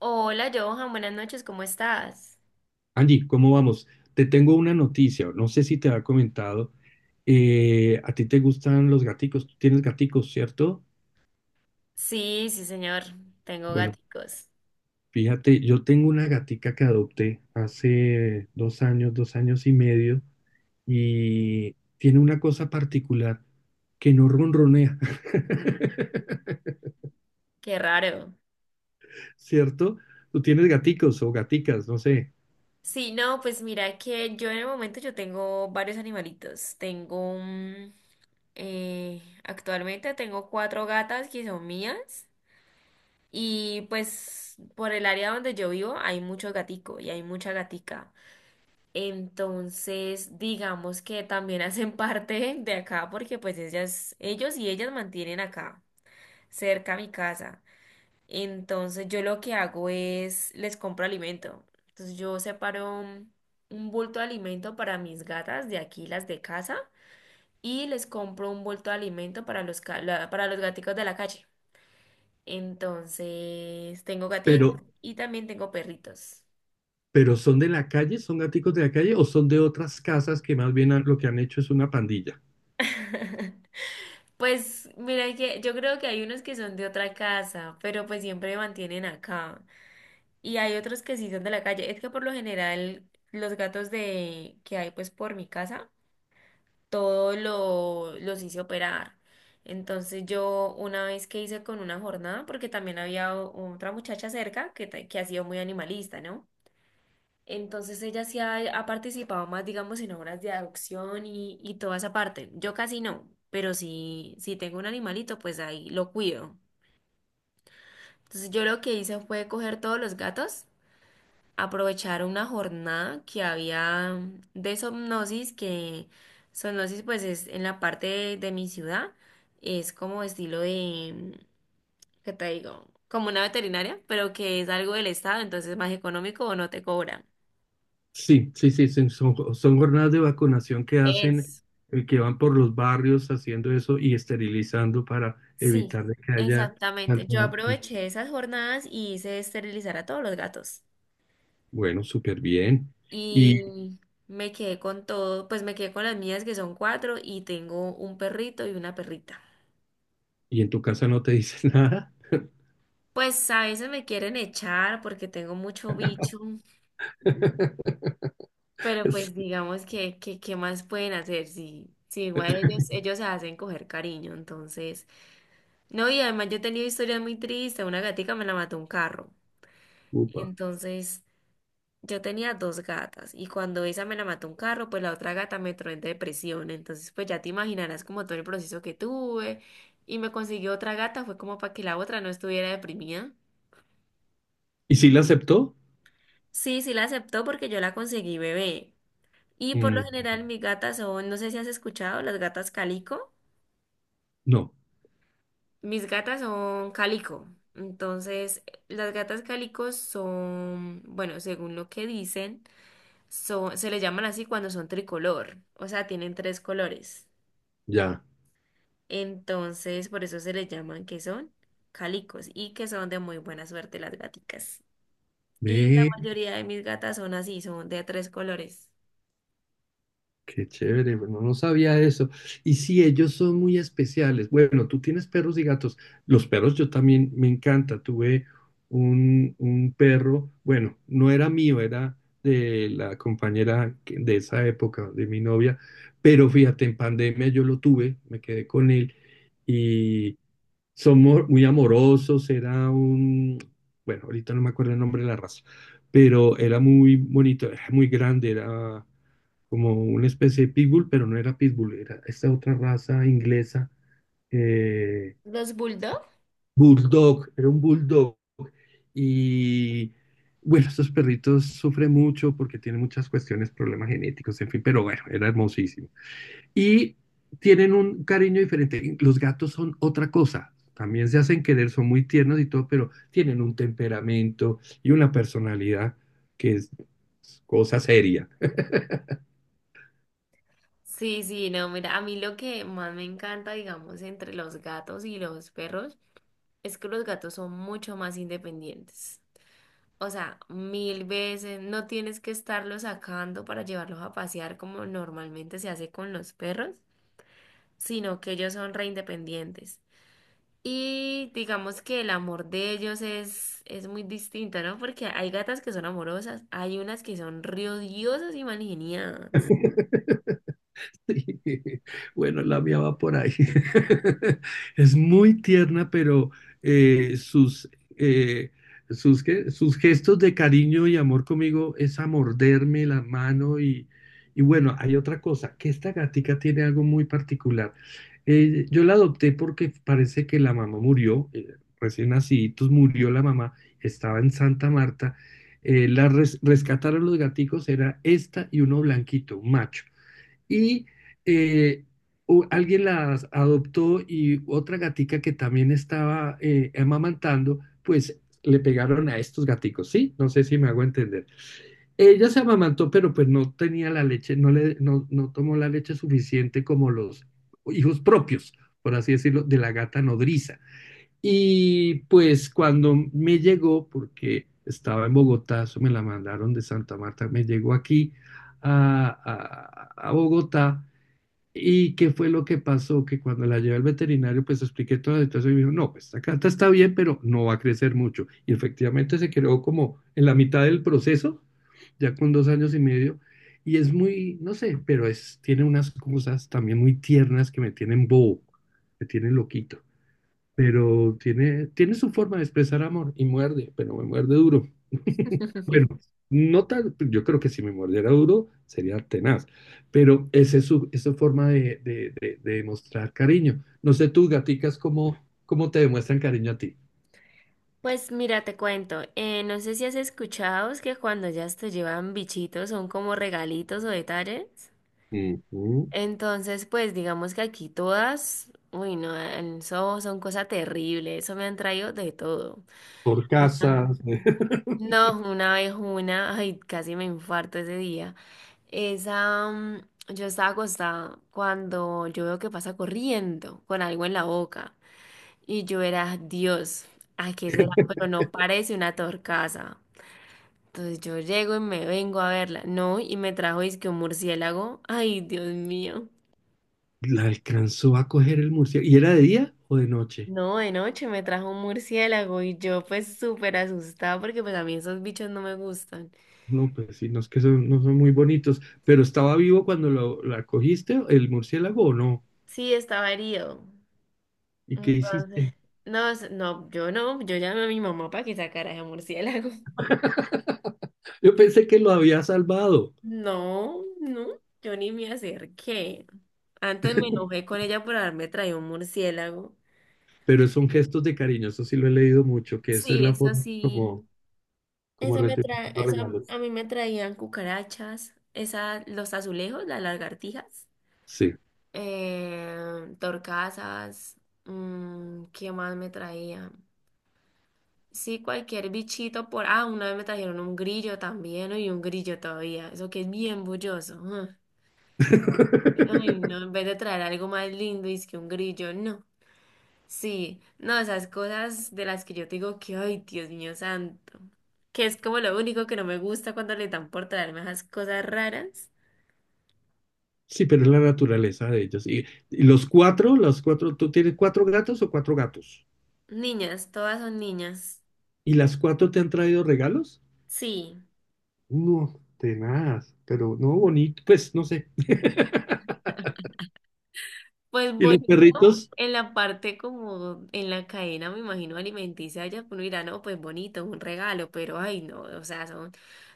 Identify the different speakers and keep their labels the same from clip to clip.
Speaker 1: Hola Johan, buenas noches, ¿cómo estás?
Speaker 2: Angie, ¿cómo vamos? Te tengo una noticia, no sé si te había comentado. ¿A ti te gustan los gaticos? Tú tienes gaticos, ¿cierto?
Speaker 1: Sí, sí señor, tengo
Speaker 2: Bueno,
Speaker 1: gaticos,
Speaker 2: fíjate, yo tengo una gatica que adopté hace 2 años, 2 años y medio, y tiene una cosa particular, que no ronronea.
Speaker 1: qué raro.
Speaker 2: ¿Cierto? Tú tienes gaticos o gaticas, no sé,
Speaker 1: Sí, no, pues mira que yo en el momento yo tengo varios animalitos, actualmente tengo cuatro gatas que son mías y pues por el área donde yo vivo hay mucho gatico y hay mucha gatica. Entonces, digamos que también hacen parte de acá porque pues ellas, ellos y ellas mantienen acá, cerca a mi casa. Entonces yo lo que hago es les compro alimento. Entonces yo separo un bulto de alimento para mis gatas de aquí, las de casa, y les compro un bulto de alimento para los, para los gaticos de la calle. Entonces tengo gatitos
Speaker 2: pero,
Speaker 1: y también tengo perritos.
Speaker 2: pero ¿son de la calle? ¿Son gaticos de la calle o son de otras casas que más bien lo que han hecho es una pandilla?
Speaker 1: Pues mira que yo creo que hay unos que son de otra casa, pero pues siempre me mantienen acá. Y hay otros que sí son de la calle. Es que por lo general los gatos de que hay pues por mi casa todo lo, los hice operar. Entonces yo una vez que hice con una jornada, porque también había otra muchacha cerca que, que ha sido muy animalista, ¿no? Entonces ella sí ha, ha participado más, digamos, en obras de adopción y toda esa parte. Yo casi no, pero si, si tengo un animalito, pues ahí lo cuido. Entonces yo lo que hice fue coger todos los gatos, aprovechar una jornada que había de somnosis, que somnosis pues es en la parte de mi ciudad, es como estilo de, ¿qué te digo? Como una veterinaria, pero que es algo del estado, entonces es más económico o no te cobran.
Speaker 2: Sí, sí, sí, son jornadas de vacunación que hacen,
Speaker 1: Es.
Speaker 2: que van por los barrios haciendo eso y esterilizando para
Speaker 1: Sí,
Speaker 2: evitar de que haya
Speaker 1: exactamente.
Speaker 2: tanta
Speaker 1: Yo
Speaker 2: vacuna.
Speaker 1: aproveché esas jornadas y hice esterilizar a todos los gatos.
Speaker 2: Bueno, súper bien. ¿Y,
Speaker 1: Y me quedé con todo, pues me quedé con las mías que son cuatro y tengo un perrito y una perrita.
Speaker 2: y en tu casa no te dice nada?
Speaker 1: Pues a veces me quieren echar porque tengo mucho bicho, pero pues digamos que ¿qué más pueden hacer? Si, si igual ellos, ellos se hacen coger cariño, entonces. No, y además yo he tenido historias muy tristes. Una gatica me la mató un carro.
Speaker 2: Upa.
Speaker 1: Entonces, yo tenía dos gatas y cuando esa me la mató un carro, pues la otra gata me entró en depresión. Entonces, pues ya te imaginarás como todo el proceso que tuve y me consiguió otra gata, fue como para que la otra no estuviera deprimida.
Speaker 2: ¿Y si la aceptó?
Speaker 1: Sí, sí la aceptó porque yo la conseguí bebé. Y por lo
Speaker 2: Mm,
Speaker 1: general mis gatas son, no sé si has escuchado, las gatas calico.
Speaker 2: no,
Speaker 1: Mis gatas son calico. Entonces, las gatas calicos son, bueno, según lo que dicen, son, se les llaman así cuando son tricolor, o sea, tienen tres colores.
Speaker 2: ya.
Speaker 1: Entonces, por eso se les llaman que son calicos y que son de muy buena suerte las gaticas. Y la
Speaker 2: Ve,
Speaker 1: mayoría de mis gatas son así, son de tres colores.
Speaker 2: qué chévere, bueno, no sabía eso. Y sí, ellos son muy especiales. Bueno, tú tienes perros y gatos. Los perros yo también me encanta. Tuve un perro, bueno, no era mío, era de la de esa época, de mi novia, pero fíjate, en pandemia yo lo tuve, me quedé con él y somos muy amorosos. Era un, bueno, ahorita no me acuerdo el nombre de la raza, pero era muy bonito, era muy grande, era como una especie de pitbull, pero no era pitbull, era esta otra raza inglesa, eh,
Speaker 1: Los bulldogs.
Speaker 2: bulldog, era un bulldog. Y bueno, estos perritos sufren mucho porque tienen muchas cuestiones, problemas genéticos, en fin, pero bueno, era hermosísimo. Y tienen un cariño diferente. Los gatos son otra cosa. También se hacen querer, son muy tiernos y todo, pero tienen un temperamento y una personalidad que es cosa seria.
Speaker 1: Sí, sí, no, mira, a mí lo que más me encanta, digamos, entre los gatos y los perros es que los gatos son mucho más independientes. O sea, mil veces no tienes que estarlos sacando para llevarlos a pasear como normalmente se hace con los perros, sino que ellos son re independientes. Y digamos que el amor de ellos es muy distinto, ¿no? Porque hay gatas que son amorosas, hay unas que son riodiosas y mangeniadas.
Speaker 2: Bueno, la mía va por ahí. Es muy tierna, pero eh, sus, eh, sus, ¿qué? Sus gestos de cariño y amor conmigo es a morderme la mano y bueno, hay otra cosa, que esta gatica tiene algo muy particular. Yo la adopté porque parece que la mamá murió, recién naciditos murió la mamá, estaba en Santa Marta. Rescataron los gaticos, era esta y uno blanquito, un macho y eh, alguien las adoptó y otra gatica que también estaba amamantando, pues le pegaron a estos gaticos, ¿sí? No sé si me hago entender. Ella se amamantó, pero pues no tenía la leche, no le, no, no tomó la leche suficiente como los hijos propios, por así decirlo, de la gata nodriza. Y pues cuando me llegó, porque estaba en Bogotá, eso me la mandaron de Santa Marta, me llegó aquí a, a Bogotá. ¿Y qué fue lo que pasó? Que cuando la llevé al veterinario, pues expliqué toda la situación y me dijo, no, pues esta carta está bien, pero no va a crecer mucho. Y efectivamente se quedó como en la mitad del proceso, ya con 2 años y medio. Y es muy, no sé, pero es, tiene unas cosas también muy tiernas que me tienen bobo, me tienen loquito, pero tiene, tiene su forma de expresar amor y muerde, pero me muerde duro. Bueno, no tal, yo creo que si me mordiera duro sería tenaz, pero esa es su forma de demostrar cariño. No sé, tus gaticas, ¿cómo, cómo te demuestran cariño a ti?
Speaker 1: Pues mira, te cuento, no sé si has escuchado es que cuando ya te llevan bichitos son como regalitos o detalles.
Speaker 2: Ujú.
Speaker 1: Entonces, pues digamos que aquí todas, uy, no, eso son cosas terribles, eso me han traído de todo.
Speaker 2: Por
Speaker 1: Ah.
Speaker 2: casa.
Speaker 1: No, una vez una, ay, casi me infarto ese día. Esa, mm, yo estaba acostada cuando yo veo que pasa corriendo con algo en la boca y yo era, Dios, ¿a qué será? Pero no parece una torcaza. Entonces yo llego y me vengo a verla. No, y me trajo que un murciélago. Ay, Dios mío.
Speaker 2: La alcanzó a coger el murciélago. ¿Y era de día o de noche?
Speaker 1: No, de noche me trajo un murciélago y yo pues súper asustada porque pues a mí esos bichos no me gustan.
Speaker 2: No, pues sí, no es que son, no son muy bonitos, pero ¿estaba vivo cuando lo, la cogiste, el murciélago o no?
Speaker 1: Sí, estaba herido.
Speaker 2: ¿Y qué
Speaker 1: Entonces,
Speaker 2: hiciste?
Speaker 1: no, yo no, yo llamé a mi mamá para que sacara ese murciélago.
Speaker 2: Yo pensé que lo había salvado,
Speaker 1: No, no, yo ni me acerqué. Antes me enojé con ella por haberme traído un murciélago.
Speaker 2: pero son gestos de cariño, eso sí lo he leído mucho, que esa es la forma como,
Speaker 1: Sí.
Speaker 2: como
Speaker 1: Eso me trae,
Speaker 2: retribuyendo
Speaker 1: eso
Speaker 2: regalos.
Speaker 1: a mí me traían cucarachas, esa, los azulejos, las lagartijas,
Speaker 2: Sí.
Speaker 1: torcasas, mm, ¿qué más me traían? Sí, cualquier bichito por... Ah, una vez me trajeron un grillo también, y un grillo todavía, eso que es bien bulloso. Ah. Ay, no, en vez de traer algo más lindo, es que un grillo, no. Sí, no, esas cosas de las que yo te digo que, ay, Dios mío santo, que es como lo único que no me gusta cuando le dan por traerme esas cosas raras.
Speaker 2: Sí, pero es la naturaleza de ellos. Y los cuatro, ¿tú tienes cuatro gatos o cuatro gatos?
Speaker 1: Niñas, todas son niñas.
Speaker 2: ¿Y las cuatro te han traído regalos?
Speaker 1: Sí,
Speaker 2: No, tenaz, pero no bonito, pues no sé.
Speaker 1: pues
Speaker 2: ¿Y los
Speaker 1: bonito
Speaker 2: perritos?
Speaker 1: en la parte como en la cadena, me imagino, alimenticia, ya uno dirá, no, pues bonito, un regalo, pero ay, no, o sea, son,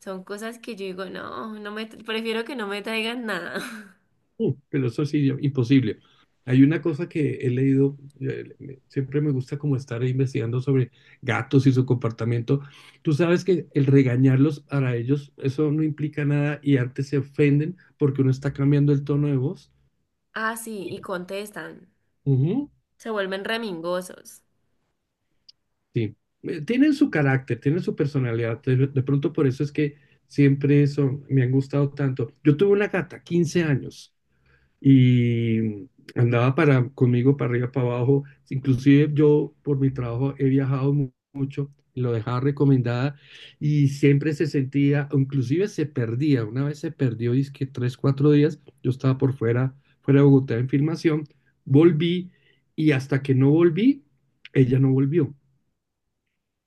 Speaker 1: son cosas que yo digo, no, no me, prefiero que no me traigan nada.
Speaker 2: Pero eso sí, imposible. Hay una cosa que he leído, siempre me gusta como estar investigando sobre gatos y su comportamiento. Tú sabes que el regañarlos para ellos, eso no implica nada y antes se ofenden porque uno está cambiando el tono de voz.
Speaker 1: Ah, sí, y contestan,
Speaker 2: Ujú.
Speaker 1: se vuelven remingosos.
Speaker 2: Sí. Tienen su carácter, tienen su personalidad. De pronto por eso es que siempre eso me han gustado tanto. Yo tuve una gata, 15 años. Y andaba para, conmigo para arriba, para abajo. Inclusive yo por mi trabajo he viajado, lo dejaba recomendada y siempre se sentía, o inclusive se perdía. Una vez se perdió, dizque tres, cuatro días, yo estaba por fuera, fuera de Bogotá en filmación, volví y hasta que no volví, ella no volvió.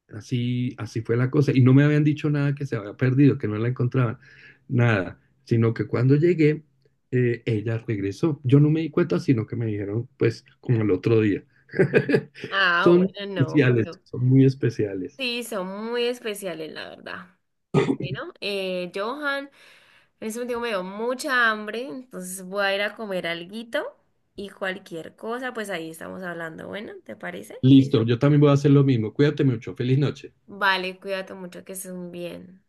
Speaker 2: Así, así fue la cosa. Y no me habían dicho nada que se había perdido, que no la encontraban, nada. Sino que cuando llegué, ella regresó. Yo no me di cuenta, sino que me dijeron, pues, como el otro día.
Speaker 1: Ah,
Speaker 2: Son
Speaker 1: bueno, no,
Speaker 2: especiales,
Speaker 1: pero
Speaker 2: son muy especiales.
Speaker 1: sí, son muy especiales, la verdad. Bueno, Johan, en este momento me dio mucha hambre, entonces voy a ir a comer alguito y cualquier cosa, pues ahí estamos hablando. Bueno, ¿te parece?
Speaker 2: Listo, yo también voy a hacer lo mismo. Cuídate mucho. Feliz noche.
Speaker 1: Vale, cuídate mucho, que estés muy bien.